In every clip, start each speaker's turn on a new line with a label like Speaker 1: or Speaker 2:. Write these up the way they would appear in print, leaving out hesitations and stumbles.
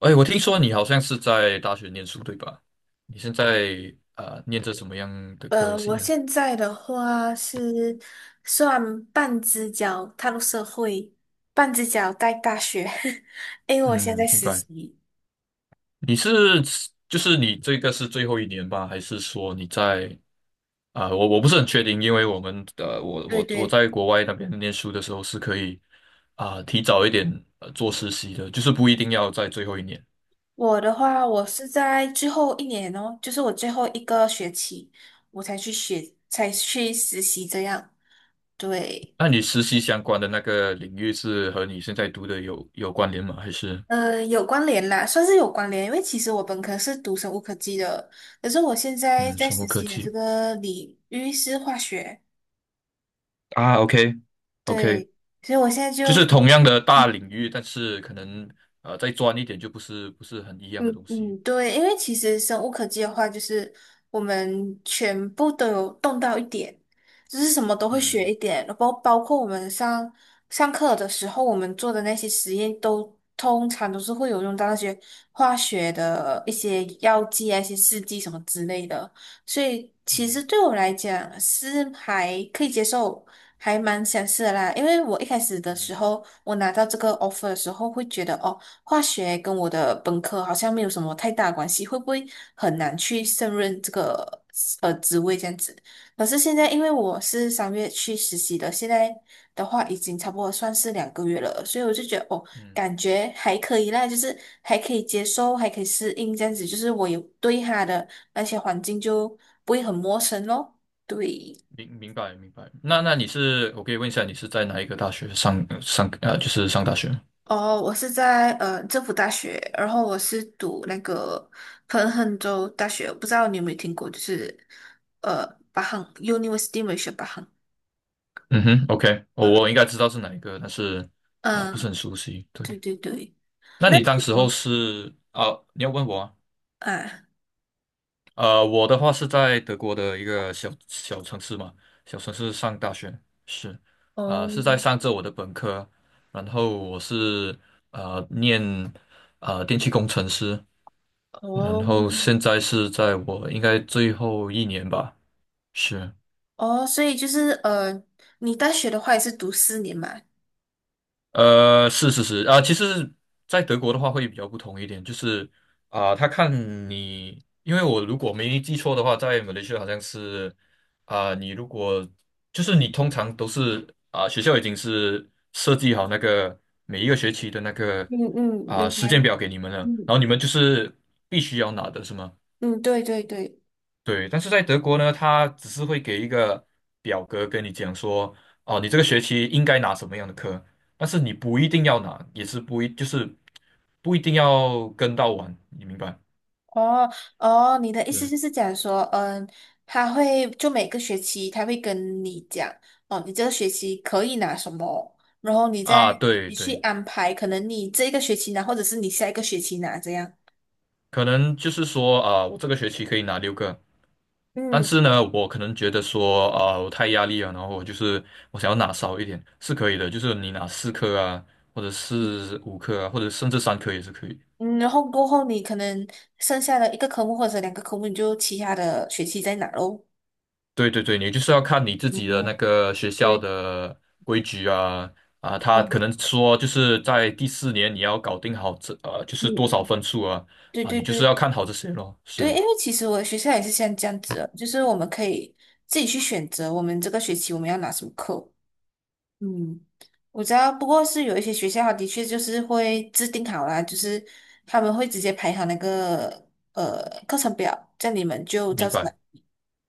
Speaker 1: 哎，我听说你好像是在大学念书，对吧？你现在念着什么样的科系
Speaker 2: 我
Speaker 1: 呢？
Speaker 2: 现在的话是算半只脚踏入社会，半只脚在大学，因为我现在
Speaker 1: 嗯，明
Speaker 2: 实
Speaker 1: 白。
Speaker 2: 习。
Speaker 1: 你是你这个是最后一年吧？还是说你在啊、我我不是很确定，因为我们的我
Speaker 2: 对
Speaker 1: 我我
Speaker 2: 对，
Speaker 1: 在国外那边念书的时候是可以提早一点做实习的，就是不一定要在最后一年。
Speaker 2: 我的话，我是在最后一年哦，就是我最后一个学期，我才去学，才去实习这样。对，
Speaker 1: 那你实习相关的那个领域是和你现在读的有关联吗？还是
Speaker 2: 有关联啦，算是有关联，因为其实我本科是读生物科技的，可是我现在
Speaker 1: 嗯，
Speaker 2: 在
Speaker 1: 生物
Speaker 2: 实
Speaker 1: 科
Speaker 2: 习的这
Speaker 1: 技
Speaker 2: 个领域是化学，
Speaker 1: 啊？OK。 OK。
Speaker 2: 对，所以我现在
Speaker 1: 就
Speaker 2: 就。
Speaker 1: 是同样的大领域，但是可能再专一点就不是很一样
Speaker 2: 嗯
Speaker 1: 的东
Speaker 2: 嗯，
Speaker 1: 西。
Speaker 2: 对，因为其实生物科技的话，就是我们全部都有动到一点，就是什么都会学
Speaker 1: 嗯
Speaker 2: 一点，然后包括我们上课的时候，我们做的那些实验都通常都是会有用到那些化学的一些药剂啊、一些试剂什么之类的，所以其实
Speaker 1: 嗯
Speaker 2: 对我来讲是还可以接受，还蛮相似的啦。因为我一开始的
Speaker 1: 嗯
Speaker 2: 时候，我拿到这个 offer 的时候，会觉得哦。化学跟我的本科好像没有什么太大关系，会不会很难去胜任这个职位这样子？可是现在因为我是3月去实习的，现在的话已经差不多算是2个月了，所以我就觉得哦，
Speaker 1: 嗯，
Speaker 2: 感觉还可以啦，就是还可以接受，还可以适应这样子，就是我有对他的那些环境就不会很陌生咯。对，
Speaker 1: 明明白明白。那那你是我可以问一下，你是在哪一个大学上上呃就是上大学吗？
Speaker 2: 哦，我是在政府大学，然后我是读那个彭亨州大学，不知道你有没有听过，就是呃巴亨 University m a l a y s,
Speaker 1: 嗯哼，OK，我我应该知道是哪一个，但是不是
Speaker 2: 嗯，
Speaker 1: 很熟悉。对，
Speaker 2: 对对对，
Speaker 1: 那
Speaker 2: 那
Speaker 1: 你
Speaker 2: 你
Speaker 1: 当时候
Speaker 2: 呢？
Speaker 1: 是你要问我啊？
Speaker 2: 啊，
Speaker 1: 呃，我的话是在德国的一个小小城市嘛，小城市上大学，是，呃，是在
Speaker 2: 哦
Speaker 1: 上着我的本科，然后我是念电气工程师，然
Speaker 2: 哦
Speaker 1: 后现在是在我应该最后一年吧，是。
Speaker 2: 哦，所以就是你大学的话也是读四年嘛？
Speaker 1: 呃，是啊，其实，在德国的话会比较不同一点，就是啊，他看你，因为我如果没记错的话，在马来西亚好像是啊，你如果就是你通常都是啊，学校已经是设计好那个每一个学期的那个
Speaker 2: 嗯嗯，明
Speaker 1: 时间
Speaker 2: 白。
Speaker 1: 表给你们了，然后
Speaker 2: 嗯
Speaker 1: 你们就是必须要拿的是吗？
Speaker 2: 嗯，对对对。
Speaker 1: 对，但是在德国呢，他只是会给一个表格跟你讲说，哦，你这个学期应该拿什么样的课，但是你不一定要拿，也是不一，就是不一定要跟到完，你明白？
Speaker 2: 哦哦，你的意思
Speaker 1: 嗯，
Speaker 2: 就是讲说，嗯，他会就每个学期他会跟你讲，哦，你这个学期可以拿什么，然后
Speaker 1: 对
Speaker 2: 你去
Speaker 1: 对，
Speaker 2: 安排，可能你这一个学期拿，或者是你下一个学期拿这样。
Speaker 1: 可能就是说我这个学期可以拿6个，但
Speaker 2: 嗯，
Speaker 1: 是呢，我可能觉得说我太压力了，然后我就是我想要拿少一点，是可以的，就是你拿4科啊，或者
Speaker 2: 嗯，
Speaker 1: 是5科啊，或者甚至3科也是可以。
Speaker 2: 嗯然后过后你可能剩下的一个科目或者两个科目，你就其他的学期再拿喽。
Speaker 1: 对对对，你就是要看你自己的那
Speaker 2: 哦，
Speaker 1: 个学校
Speaker 2: 对，
Speaker 1: 的规矩啊，他
Speaker 2: 哦，
Speaker 1: 可能说就是在第4年你要搞定好这就是
Speaker 2: 嗯
Speaker 1: 多少
Speaker 2: 嗯，
Speaker 1: 分数啊
Speaker 2: 对
Speaker 1: 啊，
Speaker 2: 对
Speaker 1: 你就是
Speaker 2: 对
Speaker 1: 要看好这些咯。
Speaker 2: 对，因
Speaker 1: 是，
Speaker 2: 为其实我的学校也是像这样子的就是我们可以自己去选择我们这个学期我们要拿什么课。嗯，我知道，不过是有一些学校，的确就是会制定好啦，就是他们会直接排好那个课程表，这样你们就
Speaker 1: 明
Speaker 2: 照着来
Speaker 1: 白。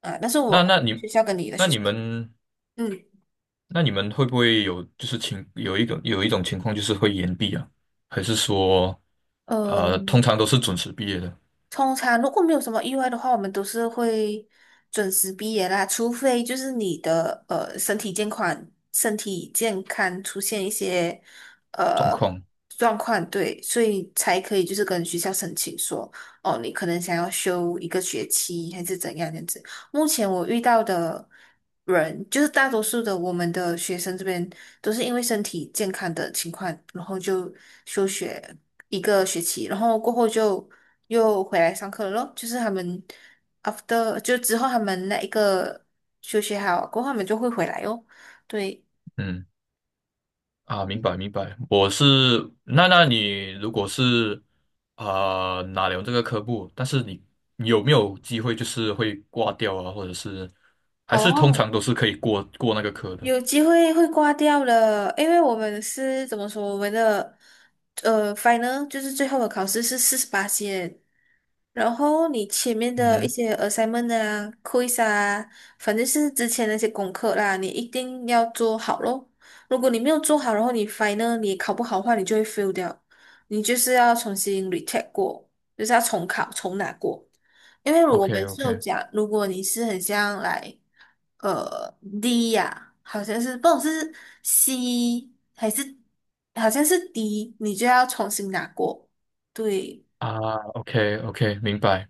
Speaker 2: 啊。但是
Speaker 1: 那
Speaker 2: 我
Speaker 1: 那
Speaker 2: 学
Speaker 1: 你
Speaker 2: 校跟你的
Speaker 1: 那
Speaker 2: 学
Speaker 1: 你
Speaker 2: 校，
Speaker 1: 们
Speaker 2: 嗯。
Speaker 1: 那你们会不会有就是情有一种有一种情况就是会延毕啊，还是说
Speaker 2: 呃。
Speaker 1: 通常都是准时毕业的
Speaker 2: 通常如果没有什么意外的话，我们都是会准时毕业啦，除非就是你的身体健康、身体健康出现一些
Speaker 1: 状
Speaker 2: 呃
Speaker 1: 况？
Speaker 2: 状况，对，所以才可以就是跟学校申请说，哦，你可能想要休一个学期还是怎样这样子。目前我遇到的人，就是大多数的我们的学生这边都是因为身体健康的情况，然后就休学一个学期，然后过后就又回来上课了咯。就是他们 after 就之后他们那一个休学好过后，他们就会回来哦。对，
Speaker 1: 嗯明白明白，我是那那你如果是哪拿了这个科目，但是你你有没有机会就是会挂掉啊，或者是还是通
Speaker 2: 哦，
Speaker 1: 常都是可以过那个科的？
Speaker 2: 有机会会挂掉了，因为我们是怎么说，我们的final 就是最后的考试是48线，然后你前面的一
Speaker 1: 嗯
Speaker 2: 些 assignment 啊、quiz 啊，反正是之前那些功课啦，你一定要做好咯。如果你没有做好，然后你 final 你考不好的话，你就会 fail 掉，你就是要重新 retake 过，就是要重考重拿过。因为我
Speaker 1: ，OK。
Speaker 2: 们就
Speaker 1: OK。
Speaker 2: 讲，如果你是很像来，D 呀、好像是，不懂是 C 还是好像是 D，你就要重新拿过。对
Speaker 1: OK， OK，明白。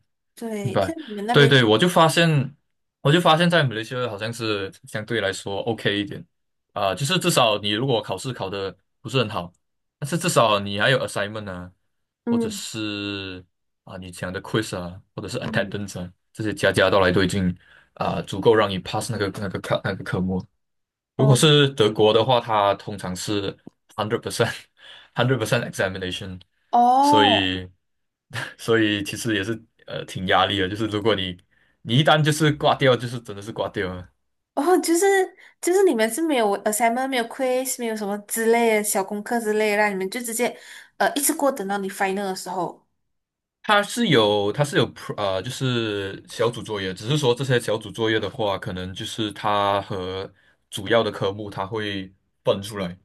Speaker 1: 明
Speaker 2: 对，在
Speaker 1: 白，
Speaker 2: 你们那
Speaker 1: 对
Speaker 2: 边，
Speaker 1: 对，我就发现，我就发现，在马来西亚好像是相对来说 OK 一点就是至少你如果考试考的不是很好，但是至少你还有 assignment 啊，或者
Speaker 2: 嗯
Speaker 1: 是你讲的 quiz 啊，或者是
Speaker 2: 嗯，
Speaker 1: attendance 啊，这些加加到来都已经足够让你 pass 那个那个课那个科目。如果
Speaker 2: 哦
Speaker 1: 是德国的话，它通常是 hundred percent， hundred percent examination，所
Speaker 2: 哦
Speaker 1: 以 所以其实也是挺压力的，就是如果你你一旦就是挂掉，就是真的是挂掉了。
Speaker 2: 哦，就是你们是没有 assignment、没有 quiz、没有什么之类的小功课之类的啦，你们就直接一次过等到你 final 的时候。
Speaker 1: 它是有就是小组作业，只是说这些小组作业的话，可能就是它和主要的科目它会分出来。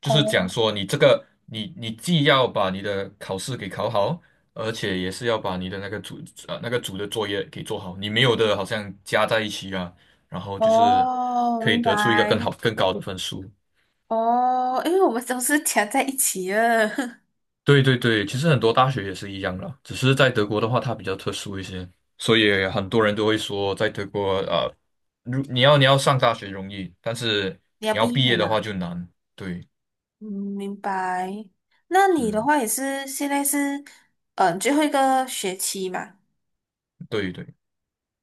Speaker 1: 就是讲
Speaker 2: 哦
Speaker 1: 说你这个你你既要把你的考试给考好，而且也是要把你的那个组那个组的作业给做好，你没有的好像加在一起啊，然后就是
Speaker 2: 哦，
Speaker 1: 可以
Speaker 2: 明
Speaker 1: 得出一个更
Speaker 2: 白。
Speaker 1: 好更高的分数。
Speaker 2: 哦，因为我们都是夹在一起了，
Speaker 1: 对对对，其实很多大学也是一样啦，只是在德国的话，它比较特殊一些，所以很多人都会说，在德国如你要你要上大学容易，但是
Speaker 2: 你要
Speaker 1: 你要
Speaker 2: 毕
Speaker 1: 毕
Speaker 2: 业了
Speaker 1: 业的话
Speaker 2: 嘛？
Speaker 1: 就难。对，
Speaker 2: 嗯，明白。那你的
Speaker 1: 是，
Speaker 2: 话也是现在是，嗯，最后一个学期嘛？
Speaker 1: 对对。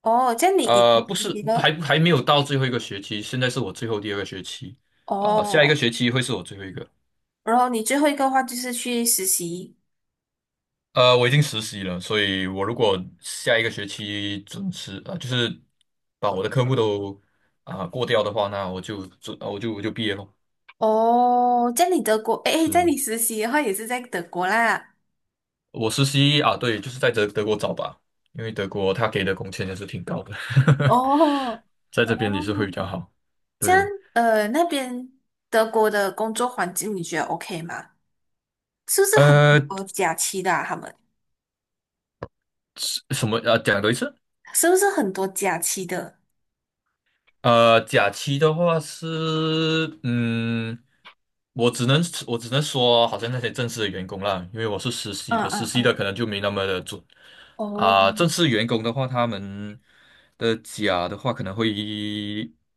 Speaker 2: 哦，这样你已经
Speaker 1: 呃，不
Speaker 2: 实
Speaker 1: 是，
Speaker 2: 习了
Speaker 1: 还还没有到最后一个学期，现在是我最后第二个学期，呃，下一
Speaker 2: 哦，
Speaker 1: 个学期会是我最后一个。
Speaker 2: 然后你最后一个话就是去实习
Speaker 1: 呃，我已经实习了，所以我如果下一个学期准时，呃，就是把我的科目都过掉的话，那我就准，呃我就我就毕业咯。
Speaker 2: 哦，在你德国，诶，在
Speaker 1: 是，
Speaker 2: 你实习的话也是在德国啦。
Speaker 1: 我实习啊，对，就是在德德国找吧，因为德国他给的工钱也是挺高的，
Speaker 2: 哦
Speaker 1: 在这边
Speaker 2: 哦，
Speaker 1: 也是会比较好。
Speaker 2: 这样
Speaker 1: 对，
Speaker 2: 那边德国的工作环境你觉得 OK 吗？是不是很
Speaker 1: 呃，
Speaker 2: 多假期的啊他们？
Speaker 1: 什么啊？讲多一次。
Speaker 2: 是不是很多假期的？
Speaker 1: 呃，假期的话是，嗯，我只能我只能说，好像那些正式的员工啦，因为我是实习
Speaker 2: 嗯
Speaker 1: 的，实
Speaker 2: 嗯
Speaker 1: 习的
Speaker 2: 嗯，
Speaker 1: 可能就没那么的准
Speaker 2: 哦
Speaker 1: 正式员工的话，他们的假的话可能会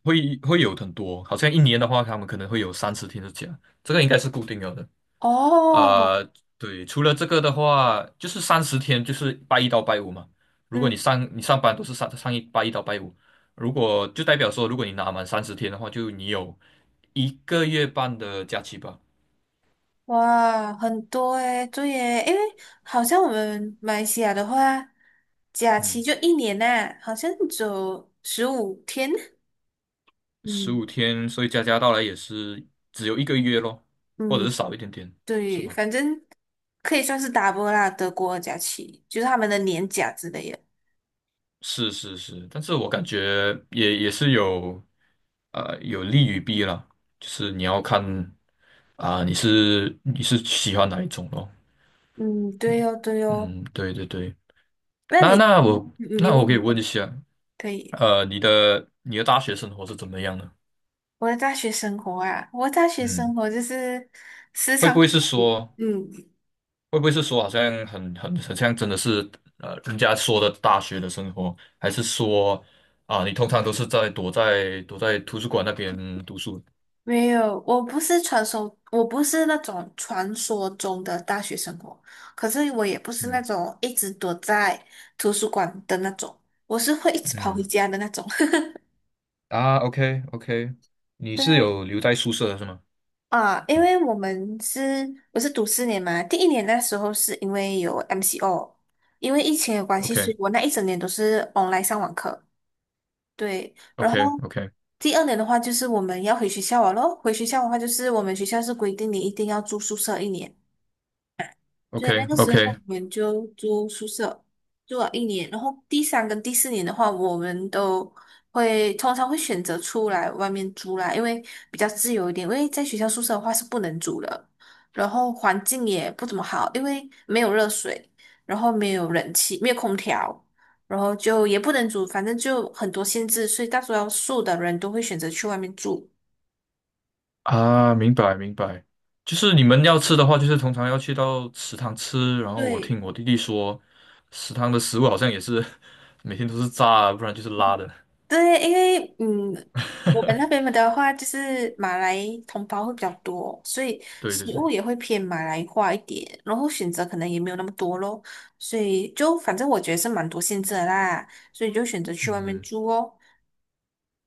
Speaker 1: 会会有很多，好像一年的话，他们可能会有三十天的假，这个应该是固定了的。
Speaker 2: 哦，
Speaker 1: 呃，对，除了这个的话，就是三十天，就是拜一到拜五嘛。如果你
Speaker 2: 嗯，
Speaker 1: 上你上班都是上拜一到拜五，如果就代表说，如果你拿满三十天的话，就你有一个月半的假期吧。
Speaker 2: 哇，很多诶，对耶，因为好像我们马来西亚的话，假期
Speaker 1: 嗯，
Speaker 2: 就一年呐、好像只有15天。
Speaker 1: 十
Speaker 2: 嗯
Speaker 1: 五天，所以加加到来也是只有一个月咯，或者是
Speaker 2: 嗯，
Speaker 1: 少一点点，是
Speaker 2: 对，
Speaker 1: 吗？
Speaker 2: 反正可以算是 double 啦，德国的假期就是他们的年假之类的。
Speaker 1: 是，但是我感觉也也是有，呃，有利与弊啦，就是你要看你是你是喜欢哪一种咯。
Speaker 2: 嗯，对哦，对哦。
Speaker 1: 嗯，对对对，
Speaker 2: 那
Speaker 1: 那
Speaker 2: 你，
Speaker 1: 那
Speaker 2: 嗯
Speaker 1: 我
Speaker 2: 你
Speaker 1: 那我
Speaker 2: 问
Speaker 1: 可以
Speaker 2: 你
Speaker 1: 问一
Speaker 2: 问，
Speaker 1: 下，
Speaker 2: 可以。
Speaker 1: 呃，你的你的大学生活是怎么样的？
Speaker 2: 我的大学生活啊，我的大学生
Speaker 1: 嗯，
Speaker 2: 活就是时
Speaker 1: 会
Speaker 2: 常
Speaker 1: 不会
Speaker 2: 会
Speaker 1: 是说，
Speaker 2: 嗯，
Speaker 1: 会不会是说，好像很像真的是人家说的大学的生活，还是说啊，你通常都是在躲在图书馆那边读书？
Speaker 2: 没有，我不是传说，我不是那种传说中的大学生活，可是我也不是那
Speaker 1: 嗯
Speaker 2: 种一直躲在图书馆的那种，我是会一直跑回
Speaker 1: 嗯，
Speaker 2: 家的那种。
Speaker 1: OK， OK，你是
Speaker 2: 对
Speaker 1: 有留在宿舍的是吗
Speaker 2: 啊，因为我们是我是读四年嘛，第1年那时候是因为有 MCO，因为疫情的关系，所
Speaker 1: ？OK，
Speaker 2: 以我那1整年都是 online 上网课。对，然
Speaker 1: OK。
Speaker 2: 后
Speaker 1: OK，
Speaker 2: 第2年的话，就是我们要回学校了咯。回学校的话，就是我们学校是规定你一定要住宿舍一年，所以那
Speaker 1: OK。
Speaker 2: 个时候
Speaker 1: OK。
Speaker 2: 我们就住宿舍，住了一年。然后第3跟第4年的话，我们都会通常会选择出来外面租啦，因为比较自由一点。因为在学校宿舍的话是不能租的，然后环境也不怎么好，因为没有热水，然后没有冷气，没有空调，然后就也不能煮，反正就很多限制，所以大多数的人都会选择去外面住。
Speaker 1: 啊，明白明白，就是你们要吃的话，就是通常要去到食堂吃。然后我
Speaker 2: 对。
Speaker 1: 听我弟弟说，食堂的食物好像也是 每天都是炸的，不然就是拉的。
Speaker 2: 对，因为嗯，我们那 边的话就是马来同胞会比较多，所以
Speaker 1: 对对
Speaker 2: 食
Speaker 1: 对，
Speaker 2: 物也会偏马来化一点，然后选择可能也没有那么多咯，所以就反正我觉得是蛮多限制的啦，所以就选择去外面
Speaker 1: 嗯，
Speaker 2: 住哦。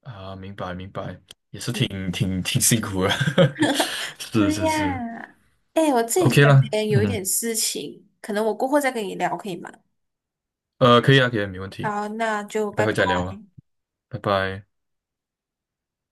Speaker 1: 啊，明白明白，
Speaker 2: 嗯，
Speaker 1: 挺挺挺辛苦的，是
Speaker 2: 对
Speaker 1: 是是
Speaker 2: 呀，哎，我自己
Speaker 1: ，OK
Speaker 2: 感
Speaker 1: 啦，
Speaker 2: 觉有一
Speaker 1: 嗯，
Speaker 2: 点事情，可能我过后再跟你聊，可以吗？
Speaker 1: 呃，可以啊可以啊，没问题，
Speaker 2: 好，那就
Speaker 1: 待
Speaker 2: 拜
Speaker 1: 会
Speaker 2: 拜。
Speaker 1: 再聊啊，拜拜。